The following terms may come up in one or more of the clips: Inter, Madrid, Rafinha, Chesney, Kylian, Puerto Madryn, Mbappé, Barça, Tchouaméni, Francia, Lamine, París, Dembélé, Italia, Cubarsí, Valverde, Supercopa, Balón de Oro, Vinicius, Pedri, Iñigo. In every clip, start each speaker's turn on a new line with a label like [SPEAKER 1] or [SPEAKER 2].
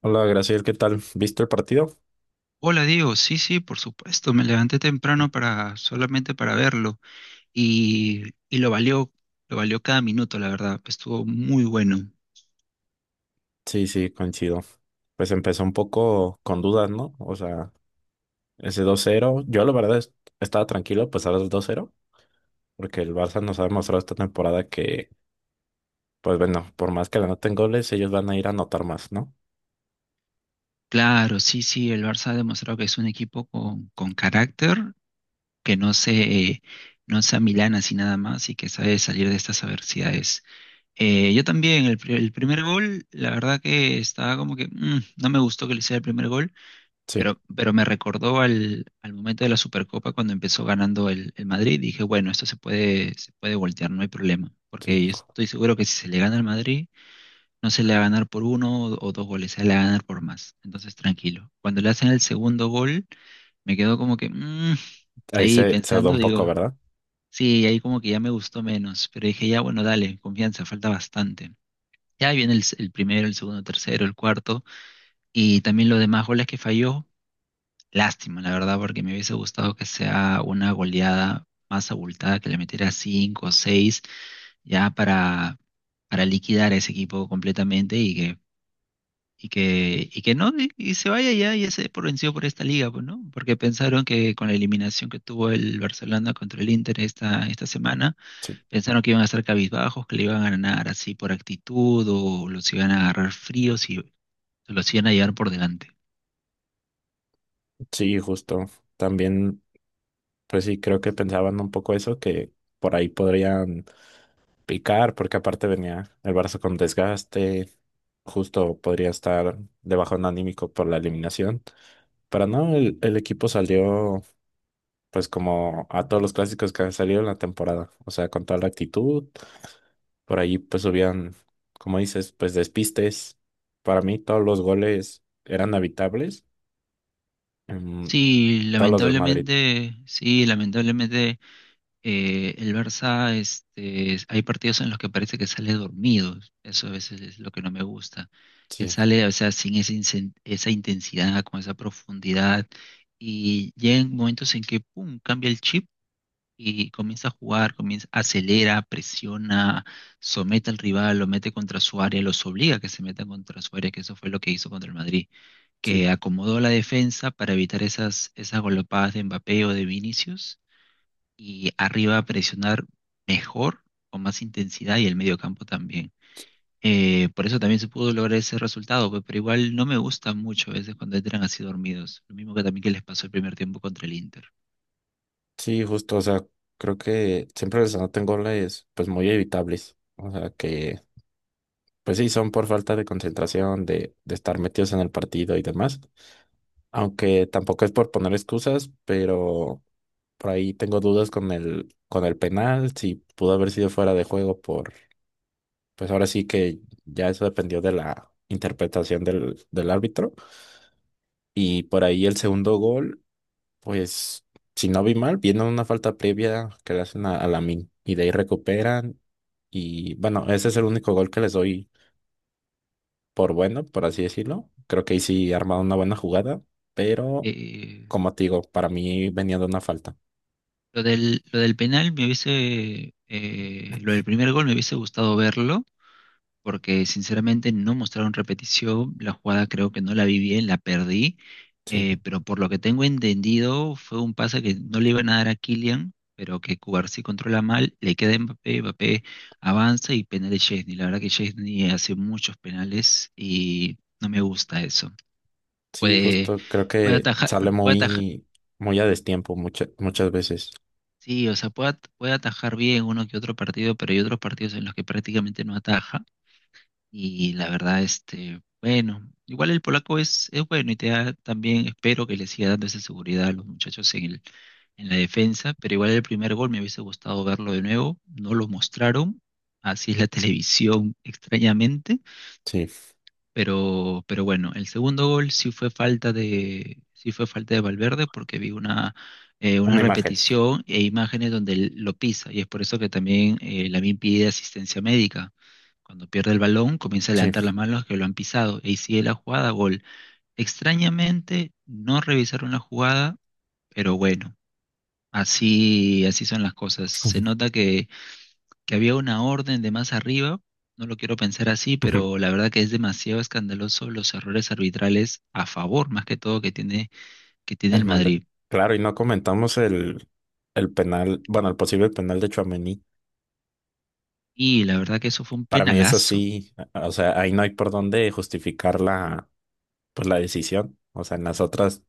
[SPEAKER 1] Hola, Graciel, ¿qué tal? ¿Viste el partido?
[SPEAKER 2] Hola Diego, sí, sí, por supuesto, me levanté temprano para solamente para verlo y, y lo valió cada minuto, la verdad, estuvo muy bueno.
[SPEAKER 1] Sí, sí, coincido. Pues empezó un poco con dudas, ¿no? O sea, ese 2-0, yo la verdad estaba tranquilo, pues ahora el 2-0, porque el Barça nos ha demostrado esta temporada que, pues bueno, por más que le anoten goles, ellos van a ir a anotar más, ¿no?
[SPEAKER 2] Claro, sí, sí, el Barça ha demostrado que es un equipo con carácter, que no se, eh, no se amilana así nada más y que sabe salir de estas adversidades. Yo también, el primer gol, la verdad que estaba como que no me gustó que le hiciera el primer gol.
[SPEAKER 1] Sí,
[SPEAKER 2] Pero me recordó al momento de la Supercopa cuando empezó ganando el Madrid. Dije, bueno, esto se puede voltear, no hay problema.
[SPEAKER 1] sí.
[SPEAKER 2] Porque yo estoy seguro que si se le gana al Madrid, no se le va a ganar por uno o dos goles, se le va a ganar por más. Entonces, tranquilo. Cuando le hacen el segundo gol, me quedo como que
[SPEAKER 1] Ahí
[SPEAKER 2] ahí
[SPEAKER 1] se dudó
[SPEAKER 2] pensando,
[SPEAKER 1] un poco,
[SPEAKER 2] digo,
[SPEAKER 1] ¿verdad?
[SPEAKER 2] sí, ahí como que ya me gustó menos. Pero dije, ya, bueno, dale, confianza, falta bastante. Ya viene el primero, el segundo, tercero, el cuarto. Y también los demás goles que falló. Lástima, la verdad, porque me hubiese gustado que sea una goleada más abultada, que le metiera cinco o seis, ya para, para liquidar a ese equipo completamente y que, y que, y que no, y, se vaya ya y se dé por vencido por esta liga, pues, ¿no? Porque pensaron que con la eliminación que tuvo el Barcelona contra el Inter esta semana,
[SPEAKER 1] Sí,
[SPEAKER 2] pensaron que iban a estar cabizbajos, que le iban a ganar así por actitud, o los iban a agarrar fríos y los iban a llevar por delante.
[SPEAKER 1] sí, justo. También, pues sí, creo que pensaban un poco eso, que por ahí podrían picar, porque aparte venía el Barça con desgaste, justo podría estar de bajón anímico por la eliminación. Pero no, el equipo salió pues como a todos los clásicos que han salido en la temporada, o sea, con toda la actitud, por ahí pues subían, como dices, pues despistes. Para mí todos los goles eran habitables, em, todos los del Madrid,
[SPEAKER 2] Sí, lamentablemente el Barça, este, es- hay partidos en los que parece que sale dormido. Eso a veces es lo que no me gusta. Que
[SPEAKER 1] sí,
[SPEAKER 2] sale, o sea, sin esa, incen- esa intensidad, con esa profundidad. Y llegan momentos en que, pum, cambia el chip y comienza a jugar, comienza, acelera, presiona, somete al rival, lo mete contra su área, los obliga a que se metan contra su área, que eso fue lo que hizo contra el Madrid,
[SPEAKER 1] sí,
[SPEAKER 2] que acomodó la defensa para evitar esas, esas galopadas de Mbappé o de Vinicius y arriba presionar mejor, con más intensidad y el mediocampo también. Por eso también se pudo lograr ese resultado, pero igual no me gusta mucho a veces cuando entran así dormidos, lo mismo que también que les pasó el primer tiempo contra el Inter.
[SPEAKER 1] sí, justo, o sea, creo que siempre les anotan goles pues muy evitables, o sea, que pues sí, son por falta de concentración, de estar metidos en el partido y demás. Aunque tampoco es por poner excusas, pero por ahí tengo dudas con el penal, si pudo haber sido fuera de juego por, pues ahora sí que ya eso dependió de la interpretación del árbitro. Y por ahí el segundo gol, pues si no vi mal, viene una falta previa que le hacen a, la Lamine y de ahí recuperan. Y bueno, ese es el único gol que les doy por bueno, por así decirlo. Creo que ahí sí armaron una buena jugada, pero
[SPEAKER 2] Eh,
[SPEAKER 1] como te digo, para mí venía de una falta.
[SPEAKER 2] lo del penal me hubiese, lo del primer gol me hubiese gustado verlo, porque sinceramente no mostraron repetición, la jugada creo que no la vi bien, la perdí,
[SPEAKER 1] Sí,
[SPEAKER 2] pero por lo que tengo entendido fue un pase que no le iban a dar a Kylian, pero que Cubarsí controla mal, le queda a Mbappé, Mbappé avanza y penal de Chesney. La verdad que Chesney hace muchos penales y no me gusta eso.
[SPEAKER 1] sí,
[SPEAKER 2] Puede,
[SPEAKER 1] justo creo
[SPEAKER 2] puede
[SPEAKER 1] que
[SPEAKER 2] atajar,
[SPEAKER 1] sale
[SPEAKER 2] puede atajar.
[SPEAKER 1] muy, muy a destiempo muchas muchas veces.
[SPEAKER 2] Sí, o sea, puede, at- puede atajar bien uno que otro partido, pero hay otros partidos en los que prácticamente no ataja. Y la verdad, este, bueno, igual el polaco es bueno y te da también, espero que le siga dando esa seguridad a los muchachos en la defensa, pero igual el primer gol me hubiese gustado verlo de nuevo, no lo mostraron, así es la televisión extrañamente,
[SPEAKER 1] Sí,
[SPEAKER 2] pero bueno, el segundo gol sí fue falta de, sí fue falta de Valverde porque vi una
[SPEAKER 1] una imagen.
[SPEAKER 2] repetición e imágenes donde él lo pisa y es por eso que también Lamine pide asistencia médica. Cuando pierde el balón, comienza a
[SPEAKER 1] Sí.
[SPEAKER 2] levantar las manos que lo han pisado y sigue la jugada, gol. Extrañamente no revisaron la jugada, pero bueno, así, así son las cosas. Se nota que había una orden de más arriba, no lo quiero pensar así, pero la verdad que es demasiado escandaloso los errores arbitrales a favor, más que todo, que tiene
[SPEAKER 1] El
[SPEAKER 2] el
[SPEAKER 1] mand-
[SPEAKER 2] Madrid.
[SPEAKER 1] Claro, y no comentamos el penal, bueno, el posible penal de Tchouaméni.
[SPEAKER 2] Y la verdad que eso fue un
[SPEAKER 1] Para mí es
[SPEAKER 2] penalazo.
[SPEAKER 1] así, o sea, ahí no hay por dónde justificar la, pues, la decisión. O sea, en las otras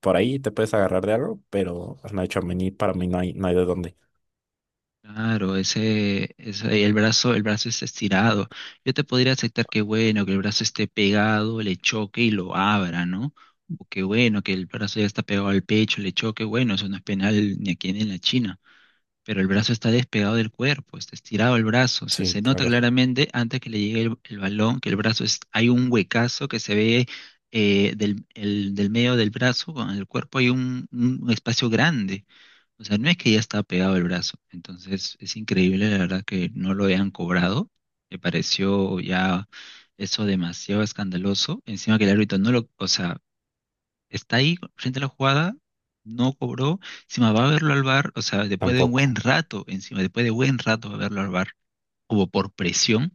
[SPEAKER 1] por ahí te puedes agarrar de algo, pero pues, no hecho mí, para mí no hay, no hay de dónde.
[SPEAKER 2] Claro, ese, el brazo está estirado. Yo te podría aceptar que bueno, que el brazo esté pegado, le choque y lo abra, ¿no? O que bueno, que el brazo ya está pegado al pecho, le choque, bueno, eso no es penal ni aquí ni en la China. Pero el brazo está despegado del cuerpo, está estirado el brazo, o sea,
[SPEAKER 1] Sí,
[SPEAKER 2] se nota
[SPEAKER 1] claro,
[SPEAKER 2] claramente antes que le llegue el balón que el brazo es, hay un huecazo que se ve, del medio del brazo, con el cuerpo hay un espacio grande, o sea, no es que ya está pegado el brazo, entonces es increíble la verdad que no lo hayan cobrado, me pareció ya eso demasiado escandaloso, encima que el árbitro no lo, o sea, está ahí frente a la jugada, no cobró, encima va a verlo al bar, o sea, después de un buen
[SPEAKER 1] tampoco.
[SPEAKER 2] rato, encima, después de buen rato va a verlo al bar como por presión,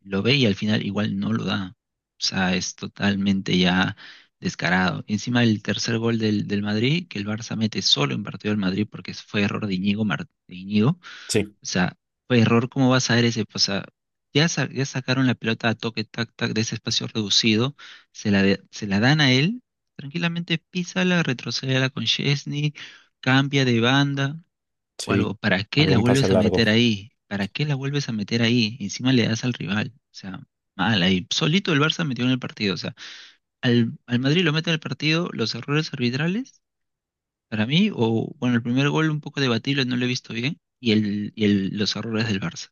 [SPEAKER 2] lo ve y al final igual no lo da. O sea, es totalmente ya descarado. Encima el tercer gol del Madrid, que el Barça mete solo en partido del Madrid porque fue error de Iñigo, de Iñigo, o
[SPEAKER 1] Sí,
[SPEAKER 2] sea, fue error, ¿cómo vas a ver ese? Pues, o sea, ya, sa- ya sacaron la pelota a toque, tac, tac, de ese espacio reducido, se la dan a él, tranquilamente písala, retrocédela con Chesney, cambia de banda o algo.
[SPEAKER 1] sí,
[SPEAKER 2] ¿Para qué la
[SPEAKER 1] algún pase
[SPEAKER 2] vuelves a
[SPEAKER 1] largo.
[SPEAKER 2] meter ahí? ¿Para qué la vuelves a meter ahí? Encima le das al rival. O sea, mal ahí. Solito el Barça metió en el partido. O sea, al Madrid lo mete en el partido, los errores arbitrales. Para mí, o bueno, el primer gol un poco debatible, no lo he visto bien, y los errores del Barça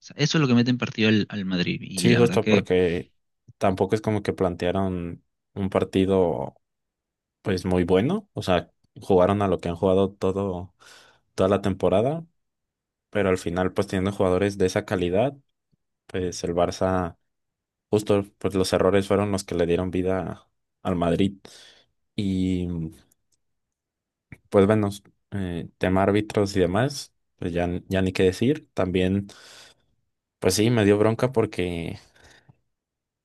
[SPEAKER 2] sea, eso es lo que mete en partido al Madrid. Y
[SPEAKER 1] Sí,
[SPEAKER 2] la verdad
[SPEAKER 1] justo
[SPEAKER 2] que,
[SPEAKER 1] porque tampoco es como que plantearon un partido pues muy bueno, o sea, jugaron a lo que han jugado todo, toda la temporada, pero al final pues teniendo jugadores de esa calidad, pues el Barça, justo pues los errores fueron los que le dieron vida al Madrid. Y pues bueno, tema árbitros y demás, pues ya, ya ni qué decir. También, pues sí, me dio bronca porque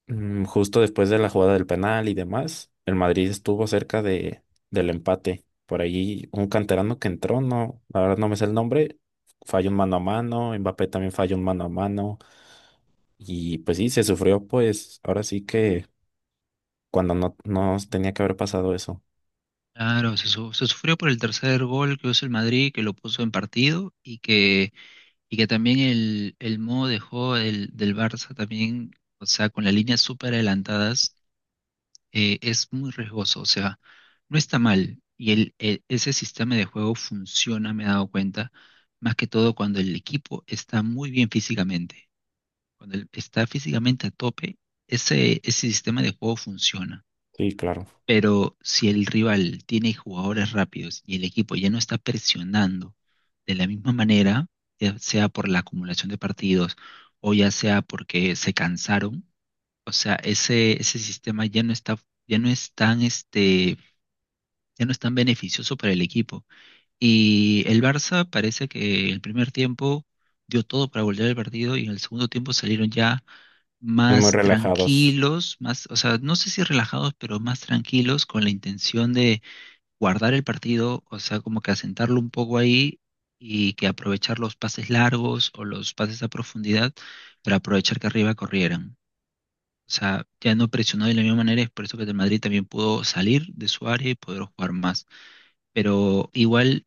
[SPEAKER 1] justo después de la jugada del penal y demás, el Madrid estuvo cerca de, del empate. Por ahí un canterano que entró, no, la verdad no me sé el nombre, falló un mano a mano, Mbappé también falló un mano a mano. Y pues sí, se sufrió, pues ahora sí que cuando no, no tenía que haber pasado eso.
[SPEAKER 2] claro, se sufrió por el tercer gol que hizo el Madrid, que lo puso en partido y que también el modo de juego del Barça también, o sea, con las líneas súper adelantadas, es muy riesgoso. O sea, no está mal. Y ese sistema de juego funciona, me he dado cuenta, más que todo cuando el equipo está muy bien físicamente. Cuando el- está físicamente a tope, ese sistema de juego funciona.
[SPEAKER 1] Sí, claro,
[SPEAKER 2] Pero si el rival tiene jugadores rápidos y el equipo ya no está presionando de la misma manera, ya sea por la acumulación de partidos o ya sea porque se cansaron, o sea, ese sistema ya no está, ya no es tan, este, ya no es tan beneficioso para el equipo. Y el Barça parece que el primer tiempo dio todo para volver el partido y en el segundo tiempo salieron ya
[SPEAKER 1] muy
[SPEAKER 2] más
[SPEAKER 1] relajados.
[SPEAKER 2] tranquilos, más, o sea, no sé si relajados, pero más tranquilos con la intención de guardar el partido, o sea, como que asentarlo un poco ahí y que aprovechar los pases largos o los pases a profundidad para aprovechar que arriba corrieran. O sea, ya no presionó de la misma manera, es por eso que el Madrid también pudo salir de su área y poder jugar más. Pero igual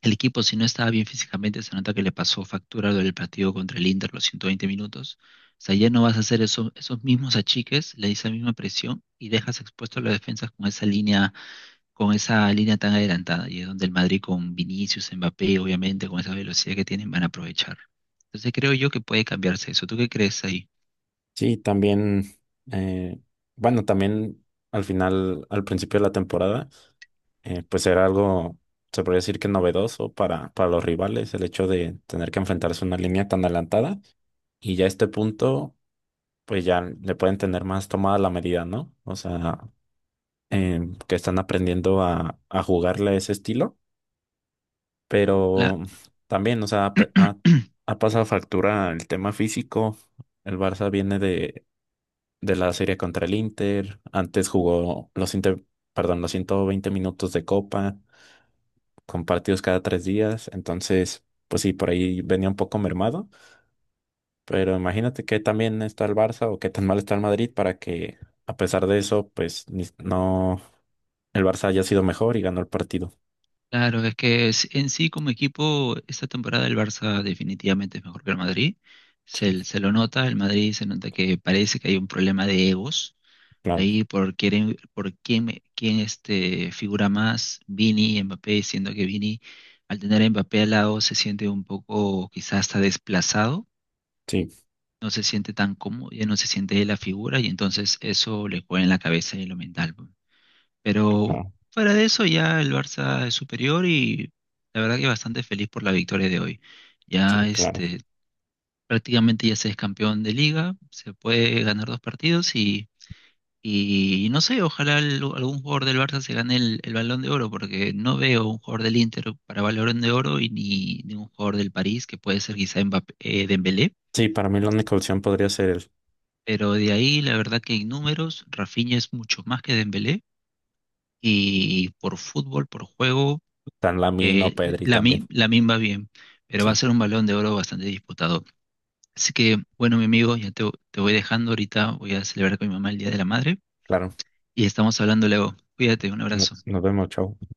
[SPEAKER 2] el equipo, si no estaba bien físicamente, se nota que le pasó factura del partido contra el Inter los 120 minutos. O sea, ya no vas a hacer eso- esos mismos achiques, le esa misma presión y dejas expuesto a las defensas con esa línea, con esa línea tan adelantada y es donde el Madrid con Vinicius, Mbappé, obviamente con esa velocidad que tienen van a aprovechar. Entonces creo yo que puede cambiarse eso. ¿Tú qué crees ahí?
[SPEAKER 1] Sí, también, eh, bueno, también al final, al principio de la temporada, pues era algo, se podría decir que novedoso para los rivales, el hecho de tener que enfrentarse a una línea tan adelantada y ya a este punto, pues ya le pueden tener más tomada la medida, ¿no? O sea, eh, que están aprendiendo a, jugarle a ese estilo,
[SPEAKER 2] La-
[SPEAKER 1] pero también, o sea, ha, pe- ha ha pasado factura el tema físico. El Barça viene de la serie contra el Inter. Antes jugó los Inter, perdón, los 120 minutos de Copa, con partidos cada 3 días. Entonces, pues sí, por ahí venía un poco mermado. Pero imagínate que también está el Barça o qué tan mal está el Madrid para que, a pesar de eso, pues no, el Barça haya sido mejor y ganó el partido.
[SPEAKER 2] claro, es que es- en sí como equipo esta temporada el Barça definitivamente es mejor que el Madrid.
[SPEAKER 1] Sí,
[SPEAKER 2] Se lo nota, el Madrid se nota que parece que hay un problema de egos.
[SPEAKER 1] claro,
[SPEAKER 2] Ahí quién este, figura más, Vini, Mbappé, siendo que Vini al tener a Mbappé al lado se siente un poco quizás hasta desplazado,
[SPEAKER 1] sí,
[SPEAKER 2] no se siente tan cómodo, ya no se siente de la figura y entonces eso le juega en la cabeza y en lo mental, pues. Pero
[SPEAKER 1] claro,
[SPEAKER 2] fuera de eso ya el Barça es superior y la verdad que bastante feliz por la victoria de hoy. Ya
[SPEAKER 1] sí, claro.
[SPEAKER 2] este prácticamente ya se es campeón de liga, se puede ganar dos partidos y no sé, ojalá al- algún jugador del Barça se gane el Balón de Oro, porque no veo un jugador del Inter para Balón de Oro y ni un jugador del París, que puede ser quizá Mbappé, Dembélé.
[SPEAKER 1] Sí, para mí la única opción podría ser el
[SPEAKER 2] Pero de ahí, la verdad que en números, Rafinha es mucho más que Dembélé. Y por fútbol, por juego,
[SPEAKER 1] Tan Lamine o
[SPEAKER 2] eh,
[SPEAKER 1] Pedri también.
[SPEAKER 2] Lamine, Lamine va bien. Pero va a
[SPEAKER 1] Sí,
[SPEAKER 2] ser un balón de oro bastante disputado. Así que, bueno, mi amigo, te voy dejando ahorita. Voy a celebrar con mi mamá el Día de la Madre.
[SPEAKER 1] claro.
[SPEAKER 2] Y estamos hablando luego. Cuídate, un
[SPEAKER 1] Nos,
[SPEAKER 2] abrazo.
[SPEAKER 1] nos vemos, chao.